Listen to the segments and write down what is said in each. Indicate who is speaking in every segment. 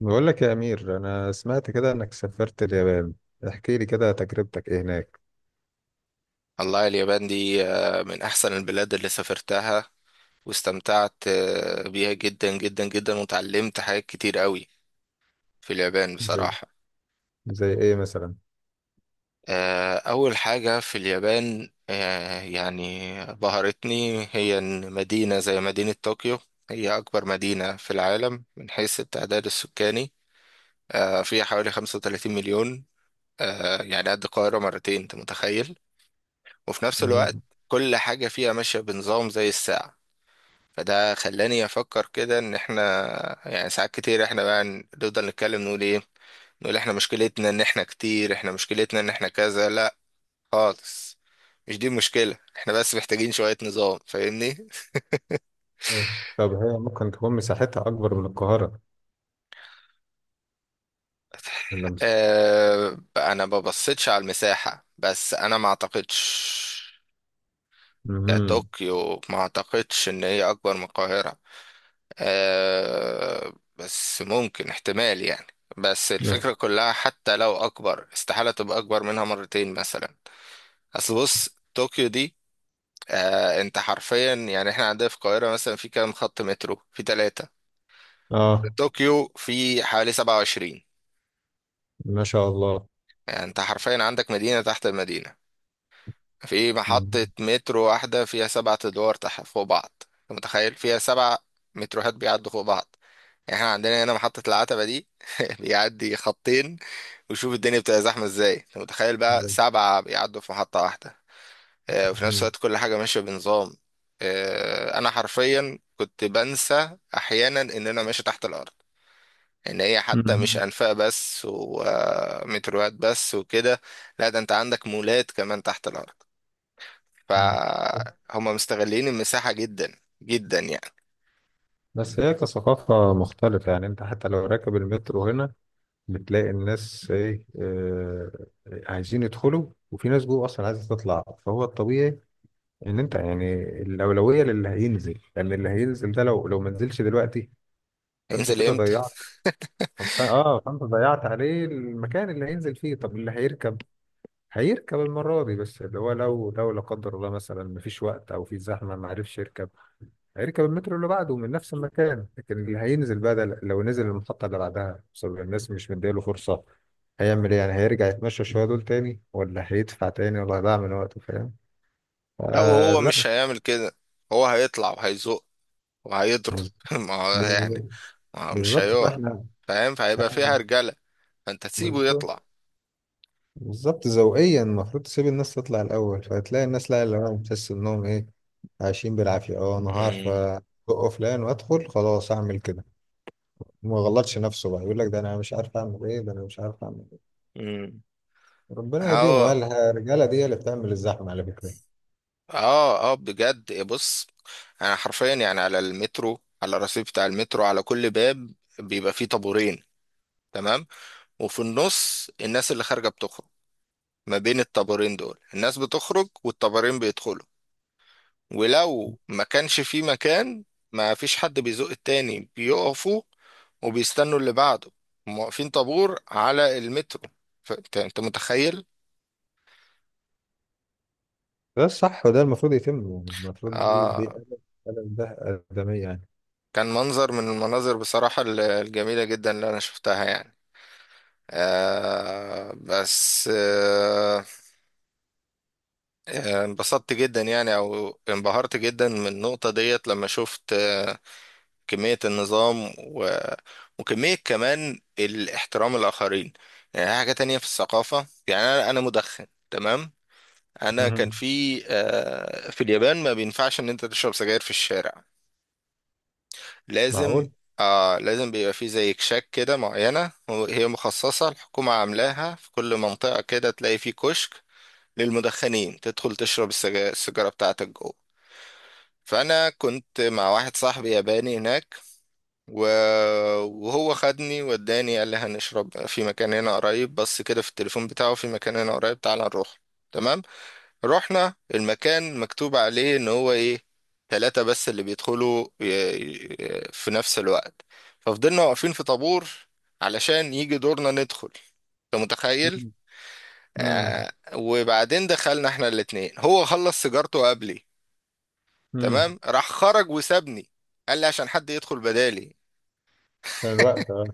Speaker 1: بقول لك يا أمير، أنا سمعت كده إنك سافرت اليابان. احكي لي كده تجربتك إيه هناك.
Speaker 2: والله اليابان دي من أحسن البلاد اللي سافرتها، واستمتعت بيها جدا جدا جدا وتعلمت حاجات كتير قوي في اليابان
Speaker 1: زي
Speaker 2: بصراحة.
Speaker 1: زي إيه مثلا؟
Speaker 2: أول حاجة في اليابان يعني بهرتني، هي إن مدينة زي مدينة طوكيو هي أكبر مدينة في العالم من حيث التعداد السكاني. فيها حوالي 35 مليون، يعني قد القاهرة مرتين. أنت متخيل؟ وفي نفس الوقت
Speaker 1: مم.
Speaker 2: كل حاجة فيها ماشية بنظام زي الساعة. فده خلاني افكر كده ان احنا، يعني ساعات كتير احنا بقى نفضل نتكلم نقول ايه، نقول احنا مشكلتنا ان احنا كذا. لا خالص، مش دي المشكلة، احنا بس محتاجين شوية نظام. فاهمني؟
Speaker 1: آه. طب هي ممكن تكون مساحتها أكبر من القاهرة؟ إلا مس-
Speaker 2: انا ما ببصيتش على المساحة، بس انا ما اعتقدش
Speaker 1: مهم.
Speaker 2: كطوكيو، ما اعتقدش ان هي اكبر من القاهرة. بس ممكن احتمال يعني. بس
Speaker 1: مس-
Speaker 2: الفكرة كلها، حتى لو أكبر، استحالة تبقى أكبر منها مرتين مثلا. أصل بص طوكيو دي، أنت حرفيا يعني، إحنا عندنا في القاهرة مثلا في كام خط مترو؟ في ثلاثة.
Speaker 1: آه،
Speaker 2: طوكيو في حوالي 27.
Speaker 1: ما شاء الله.
Speaker 2: يعني أنت حرفيا عندك مدينة تحت المدينة. في محطة
Speaker 1: مهم.
Speaker 2: مترو واحدة فيها سبعة أدوار تحت فوق بعض. أنت متخيل؟ فيها سبع متروهات بيعدوا فوق بعض. يعني احنا عندنا هنا محطة العتبة دي بيعدي خطين. وشوف الدنيا بتبقى زحمه ازاي. انت متخيل بقى سبعه بيعدوا في محطه واحده؟ وفي نفس
Speaker 1: مهم.
Speaker 2: الوقت كل حاجه ماشيه بنظام. انا حرفيا كنت بنسى احيانا ان انا ماشي تحت الارض، ان هي حتى مش
Speaker 1: مهم.
Speaker 2: انفاق بس ومتروات بس وكده. لا، ده انت عندك مولات كمان تحت الارض. فهم مستغلين المساحه جدا جدا يعني.
Speaker 1: بس هي كثقافة مختلفة، يعني أنت حتى لو راكب المترو هنا بتلاقي الناس إيه، عايزين يدخلوا وفي ناس جوه أصلا عايزة تطلع، فهو الطبيعي ان انت يعني الاولويه للي هينزل، لان اللي هينزل ده لو ما نزلش دلوقتي فانت
Speaker 2: هينزل
Speaker 1: كده
Speaker 2: امتى؟
Speaker 1: ضيعت. فانت ضيعت عليه المكان اللي هينزل فيه. طب اللي هيركب هيركب المره دي، بس اللي هو لو لا قدر الله مثلا مفيش وقت او في زحمه ما عرفش يركب، هيركب المترو اللي بعده من نفس المكان. لكن اللي هينزل بقى ده لو نزل المحطه اللي بعدها بسبب الناس مش مديله فرصه، هيعمل ايه؟ يعني هيرجع يتمشى شويه دول تاني، ولا هيدفع تاني، ولا هيضيع من وقته؟ فاهم؟
Speaker 2: لا،
Speaker 1: آه،
Speaker 2: وهو
Speaker 1: لا.
Speaker 2: مش هيعمل كده. هو هيطلع وهيزق وهيضرب ما هو يعني،
Speaker 1: بالظبط،
Speaker 2: مش
Speaker 1: بالظبط.
Speaker 2: هيقع
Speaker 1: فاحنا
Speaker 2: فاهم؟ فهيبقى
Speaker 1: احنا
Speaker 2: فيها رجالة، فانت تسيبه
Speaker 1: بالظبط،
Speaker 2: يطلع.
Speaker 1: بالظبط. ذوقيا المفروض تسيب الناس تطلع الاول، فهتلاقي الناس لا، اللي هو بتحس انهم ايه، عايشين بالعافيه. اه، انا هعرف
Speaker 2: مم.
Speaker 1: ازق فلان وادخل خلاص اعمل كده. ما غلطش نفسه بقى، يقول لك ده انا مش عارف اعمل ايه، ده انا مش عارف اعمل ايه.
Speaker 2: مم.
Speaker 1: ربنا يهديهم.
Speaker 2: هو،
Speaker 1: وقال ها، الرجاله دي هي اللي بتعمل الزحمه على فكره.
Speaker 2: اه اه بجد. إيه، بص، انا حرفيا يعني على المترو، على الرصيف بتاع المترو، على كل باب بيبقى فيه طابورين. تمام؟ وفي النص الناس اللي خارجة بتخرج، ما بين الطابورين دول الناس بتخرج والطابورين بيدخلوا. ولو ما كانش في مكان، ما فيش حد بيزق التاني، بيقفوا وبيستنوا اللي بعده. هم واقفين طابور على المترو. فانت انت انت متخيل؟
Speaker 1: ده الصح وده المفروض يتم. يعني المفروض دي
Speaker 2: آه،
Speaker 1: أدب. أدب ده. ادميه يعني.
Speaker 2: كان منظر من المناظر بصراحة الجميلة جدا اللي انا شفتها يعني. آه بس آه انبسطت جدا يعني، او انبهرت جدا من النقطة ديت لما شفت كمية النظام وكمية كمان الاحترام الآخرين. يعني حاجة تانية في الثقافة، يعني أنا مدخن، تمام؟ أنا كان
Speaker 1: مهم.
Speaker 2: في في اليابان ما بينفعش إن أنت تشرب سجاير في الشارع. لازم.
Speaker 1: معقول.
Speaker 2: لازم بيبقى في زي كشاك كده معينة، هي مخصصة، الحكومة عاملاها في كل منطقة. كده تلاقي فيه كشك للمدخنين تدخل تشرب السيجارة بتاعتك جوه. فأنا كنت مع واحد صاحبي ياباني هناك، وهو خدني وداني، قال لي هنشرب في مكان هنا قريب، بس كده في التليفون بتاعه، في مكان هنا قريب، تعال نروح. تمام، رحنا المكان مكتوب عليه ان هو ايه، ثلاثة بس اللي بيدخلوا في نفس الوقت. ففضلنا واقفين في طابور علشان يجي دورنا ندخل. انت متخيل؟
Speaker 1: امم.
Speaker 2: وبعدين دخلنا احنا الاتنين، هو خلص سيجارته قبلي.
Speaker 1: امم.
Speaker 2: تمام، راح خرج وسابني، قال لي عشان حد يدخل بدالي.
Speaker 1: كان الوقت آه.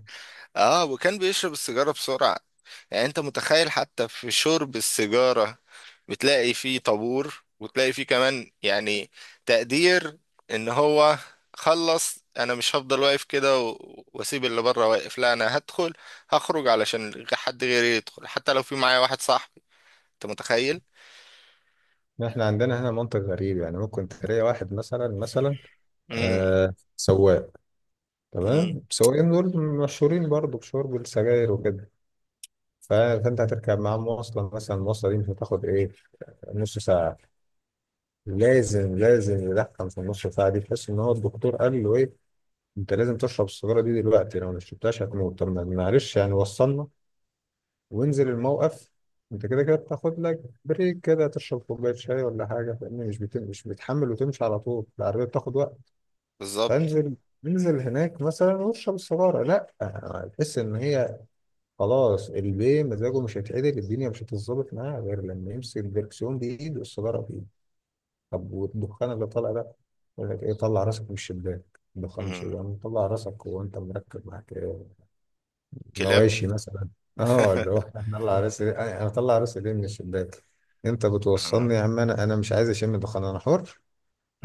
Speaker 2: اه، وكان بيشرب السيجارة بسرعة. يعني انت متخيل، حتى في شرب السيجارة بتلاقي فيه طابور، وتلاقي فيه كمان يعني تقدير، ان هو خلص، انا مش هفضل واقف كده واسيب اللي بره واقف. لا، انا هدخل هخرج علشان حد غيري يدخل، حتى لو في معايا واحد صاحبي. انت متخيل؟
Speaker 1: احنا عندنا هنا منطق غريب، يعني ممكن تلاقي واحد مثلا،
Speaker 2: امم
Speaker 1: سواق.
Speaker 2: امم
Speaker 1: تمام. السواقين دول مشهورين برضو بشرب السجاير وكده. فانت هتركب معاه مواصلة مثلا، المواصلة دي مش هتاخد ايه، نص ساعة. لازم يدخن في النص ساعة دي، تحس ان هو الدكتور قال له ايه، انت لازم تشرب السيجارة دي دلوقتي، لو ما شربتهاش هتموت. طب ما- معلش يعني وصلنا وانزل الموقف. انت كده كده بتاخد لك بريك كده، تشرب كوباية شاي ولا حاجة، لأن مش بتحمل وتمشي على طول. العربية بتاخد،
Speaker 2: بالظبط.
Speaker 1: فانزل، انزل هناك مثلا واشرب السجاره. لا، تحس ان هي خلاص البيه مزاجه مش هيتعدل، الدنيا مش هتتظبط معاه غير لما يمسك الدركسيون بايده والسجاره بايده. طب والدخان اللي طالع ده؟ يقول لك ايه، طلع راسك من الشباك. الدخان مش
Speaker 2: امم
Speaker 1: يعني، طلع راسك وانت مركب معاك إيه؟
Speaker 2: كلاب
Speaker 1: مواشي مثلا؟ اه، اللي هو انا اطلع راسي، أنا اطلع راسي ليه من الشباك؟ انت بتوصلني
Speaker 2: امم
Speaker 1: يا عم، انا مش عايز اشم دخان، انا حر.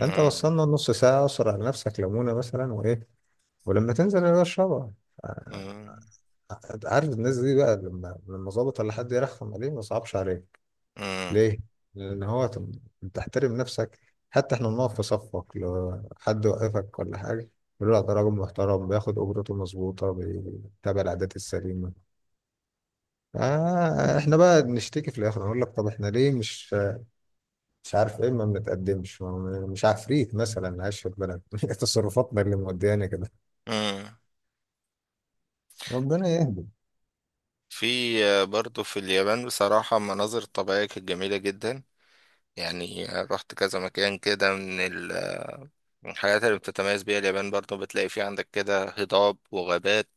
Speaker 1: انت
Speaker 2: امم
Speaker 1: وصلنا نص ساعه، اسرع على نفسك ليمونه مثلا وايه، ولما تنزل يا باشا اشربها. أنت عارف الناس دي بقى، لما ظابط ولا حد يرخم عليه، ما صعبش عليك
Speaker 2: امم
Speaker 1: ليه؟ لأن هو تحترم نفسك. حتى احنا بنقف في صفك، لو حد وقفك ولا حاجة يقول لك ده راجل محترم، بياخد أجرته مظبوطة، بيتابع العادات السليمة. آه، احنا بقى بنشتكي في الآخر، نقول لك طب احنا ليه مش، مش عارف ايه، ما بنتقدمش. مش عفريت مثلا عايش في البلد، تصرفاتنا اللي موديانا كده.
Speaker 2: امم
Speaker 1: ربنا يهدي.
Speaker 2: في برضو في اليابان بصراحة المناظر الطبيعية كانت جميلة جدا. يعني رحت كذا مكان كده. من من الحاجات اللي بتتميز بيها اليابان، برضو بتلاقي في عندك كده هضاب وغابات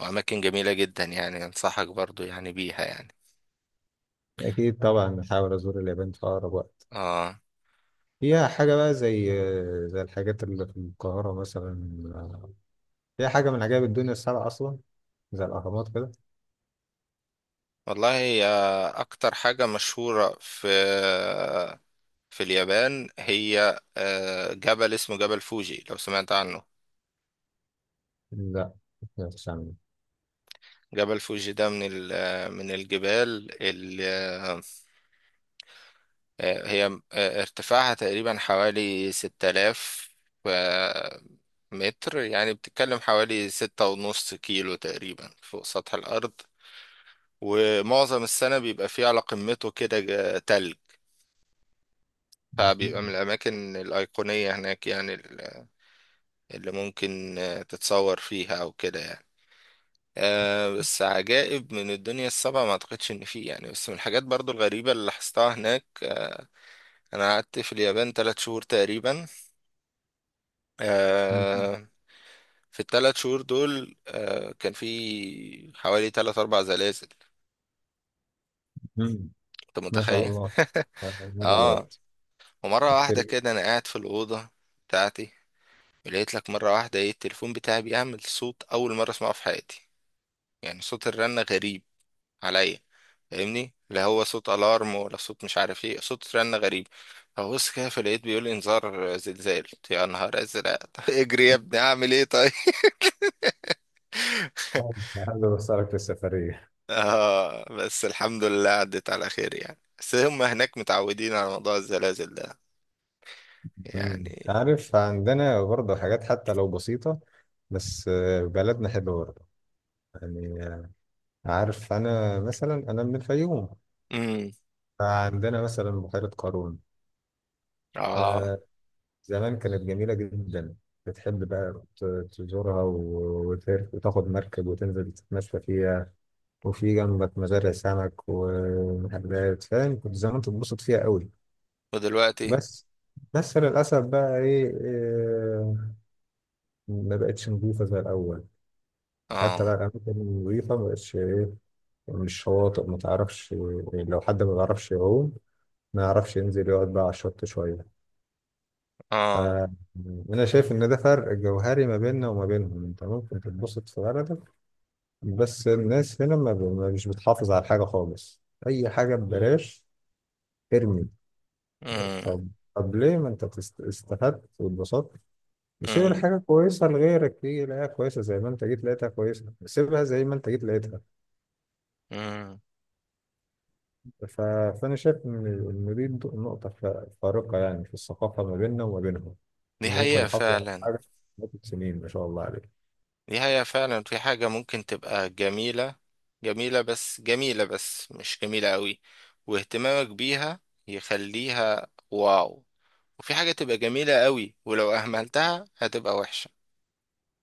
Speaker 2: وأماكن جميلة جدا. يعني أنصحك برضو يعني بيها يعني.
Speaker 1: أكيد طبعا نحاول أزور اليابان في أقرب وقت.
Speaker 2: آه.
Speaker 1: فيها حاجة بقى زي الحاجات اللي في القاهرة مثلا؟ فيها حاجة من عجائب الدنيا السبعة أصلا، زي الأهرامات كده؟
Speaker 2: والله هي أكتر حاجة مشهورة في اليابان، هي جبل اسمه جبل فوجي، لو سمعت عنه.
Speaker 1: لا، ما فيش عندنا.
Speaker 2: جبل فوجي ده من من الجبال. هي ارتفاعها تقريبا حوالي 6000 آه، متر. يعني بتتكلم حوالي 6.5 كيلو تقريبا فوق سطح الأرض. ومعظم السنة بيبقى فيه على قمته كده تلج. فبيبقى من الأماكن الأيقونية هناك، يعني اللي ممكن تتصور فيها أو كده يعني. بس عجائب من الدنيا السبعة ما أعتقدش إن فيه يعني. بس من الحاجات برضو الغريبة اللي لاحظتها هناك، أنا قعدت في اليابان 3 شهور تقريبا. آه، في الثلاث شهور دول كان في حوالي ثلاث اربع زلازل.
Speaker 1: مم.
Speaker 2: انت
Speaker 1: ما شاء
Speaker 2: متخيل؟
Speaker 1: الله. مرة
Speaker 2: اه.
Speaker 1: دلوقتي؟
Speaker 2: ومره
Speaker 1: كتير
Speaker 2: واحده
Speaker 1: جدا.
Speaker 2: كده انا قاعد في الاوضه بتاعتي، لقيت لك مره واحده ايه، التليفون بتاعي بيعمل صوت اول مره اسمعه في حياتي. يعني صوت الرنه غريب عليا فاهمني، لا هو صوت الارم، ولا صوت مش عارف ايه، صوت رنه غريب. فبص كده، فلقيت بيقول لي انذار زلزال. قلت يا نهار ازرق طب اجري يا ابني اعمل ايه طيب؟
Speaker 1: حابب أسألك في السفرية.
Speaker 2: اه، بس الحمد لله عدت على خير يعني. بس هم هناك متعودين على موضوع الزلازل ده
Speaker 1: مم.
Speaker 2: يعني.
Speaker 1: عارف عندنا برضه حاجات حتى لو بسيطة، بس بلدنا حلوة برضه، يعني عارف أنا مثلا أنا من الفيوم.
Speaker 2: امم
Speaker 1: فعندنا مثلا بحيرة قارون،
Speaker 2: اه.
Speaker 1: زمان كانت جميلة جدا. بتحب بقى تزورها وتاخد مركب وتنزل تتمشى فيها، وفي جنبك مزارع سمك ومحلات، فاهم؟ كنت زمان تتبسط فيها قوي.
Speaker 2: ودلوقتي.
Speaker 1: بس بس للأسف بقى إيه، ما بقتش نظيفة زي الأول. حتى
Speaker 2: اه.
Speaker 1: بقى الأماكن النظيفة ما بقتش إيه، مش شواطئ ما تعرفش. لو حد ما بيعرفش يعوم، ما يعرفش ينزل يقعد بقى على الشط شوية.
Speaker 2: اه.
Speaker 1: فأنا شايف إن ده فرق جوهري ما بيننا وما بينهم. أنت ممكن تتبسط في بلدك، بس الناس هنا ما ب- ما- مش بتحافظ على حاجة خالص. أي حاجة مم. ببلاش. ارمي.
Speaker 2: امم
Speaker 1: طب طب ليه، ما أنت استفدت واتبسطت، وسيب
Speaker 2: امم
Speaker 1: الحاجة كويسة لغيرك تيجي يلاقيها كويسة، زي ما أنت جيت لقيتها كويسة سيبها زي ما أنت جيت لقيتها.
Speaker 2: امم
Speaker 1: ف... فأنا شايف إن دي نقطة فارقة، يعني في الثقافة ما بيننا وما بينهم.
Speaker 2: دي
Speaker 1: هم ممكن
Speaker 2: حقيقة
Speaker 1: يحافظوا على
Speaker 2: فعلا.
Speaker 1: حاجة مدة سنين، ما شاء الله عليهم.
Speaker 2: دي حقيقة فعلا، في حاجة ممكن تبقى جميلة، جميلة بس، جميلة بس مش جميلة قوي، واهتمامك بيها يخليها واو. وفي حاجة تبقى جميلة قوي ولو أهملتها هتبقى وحشة.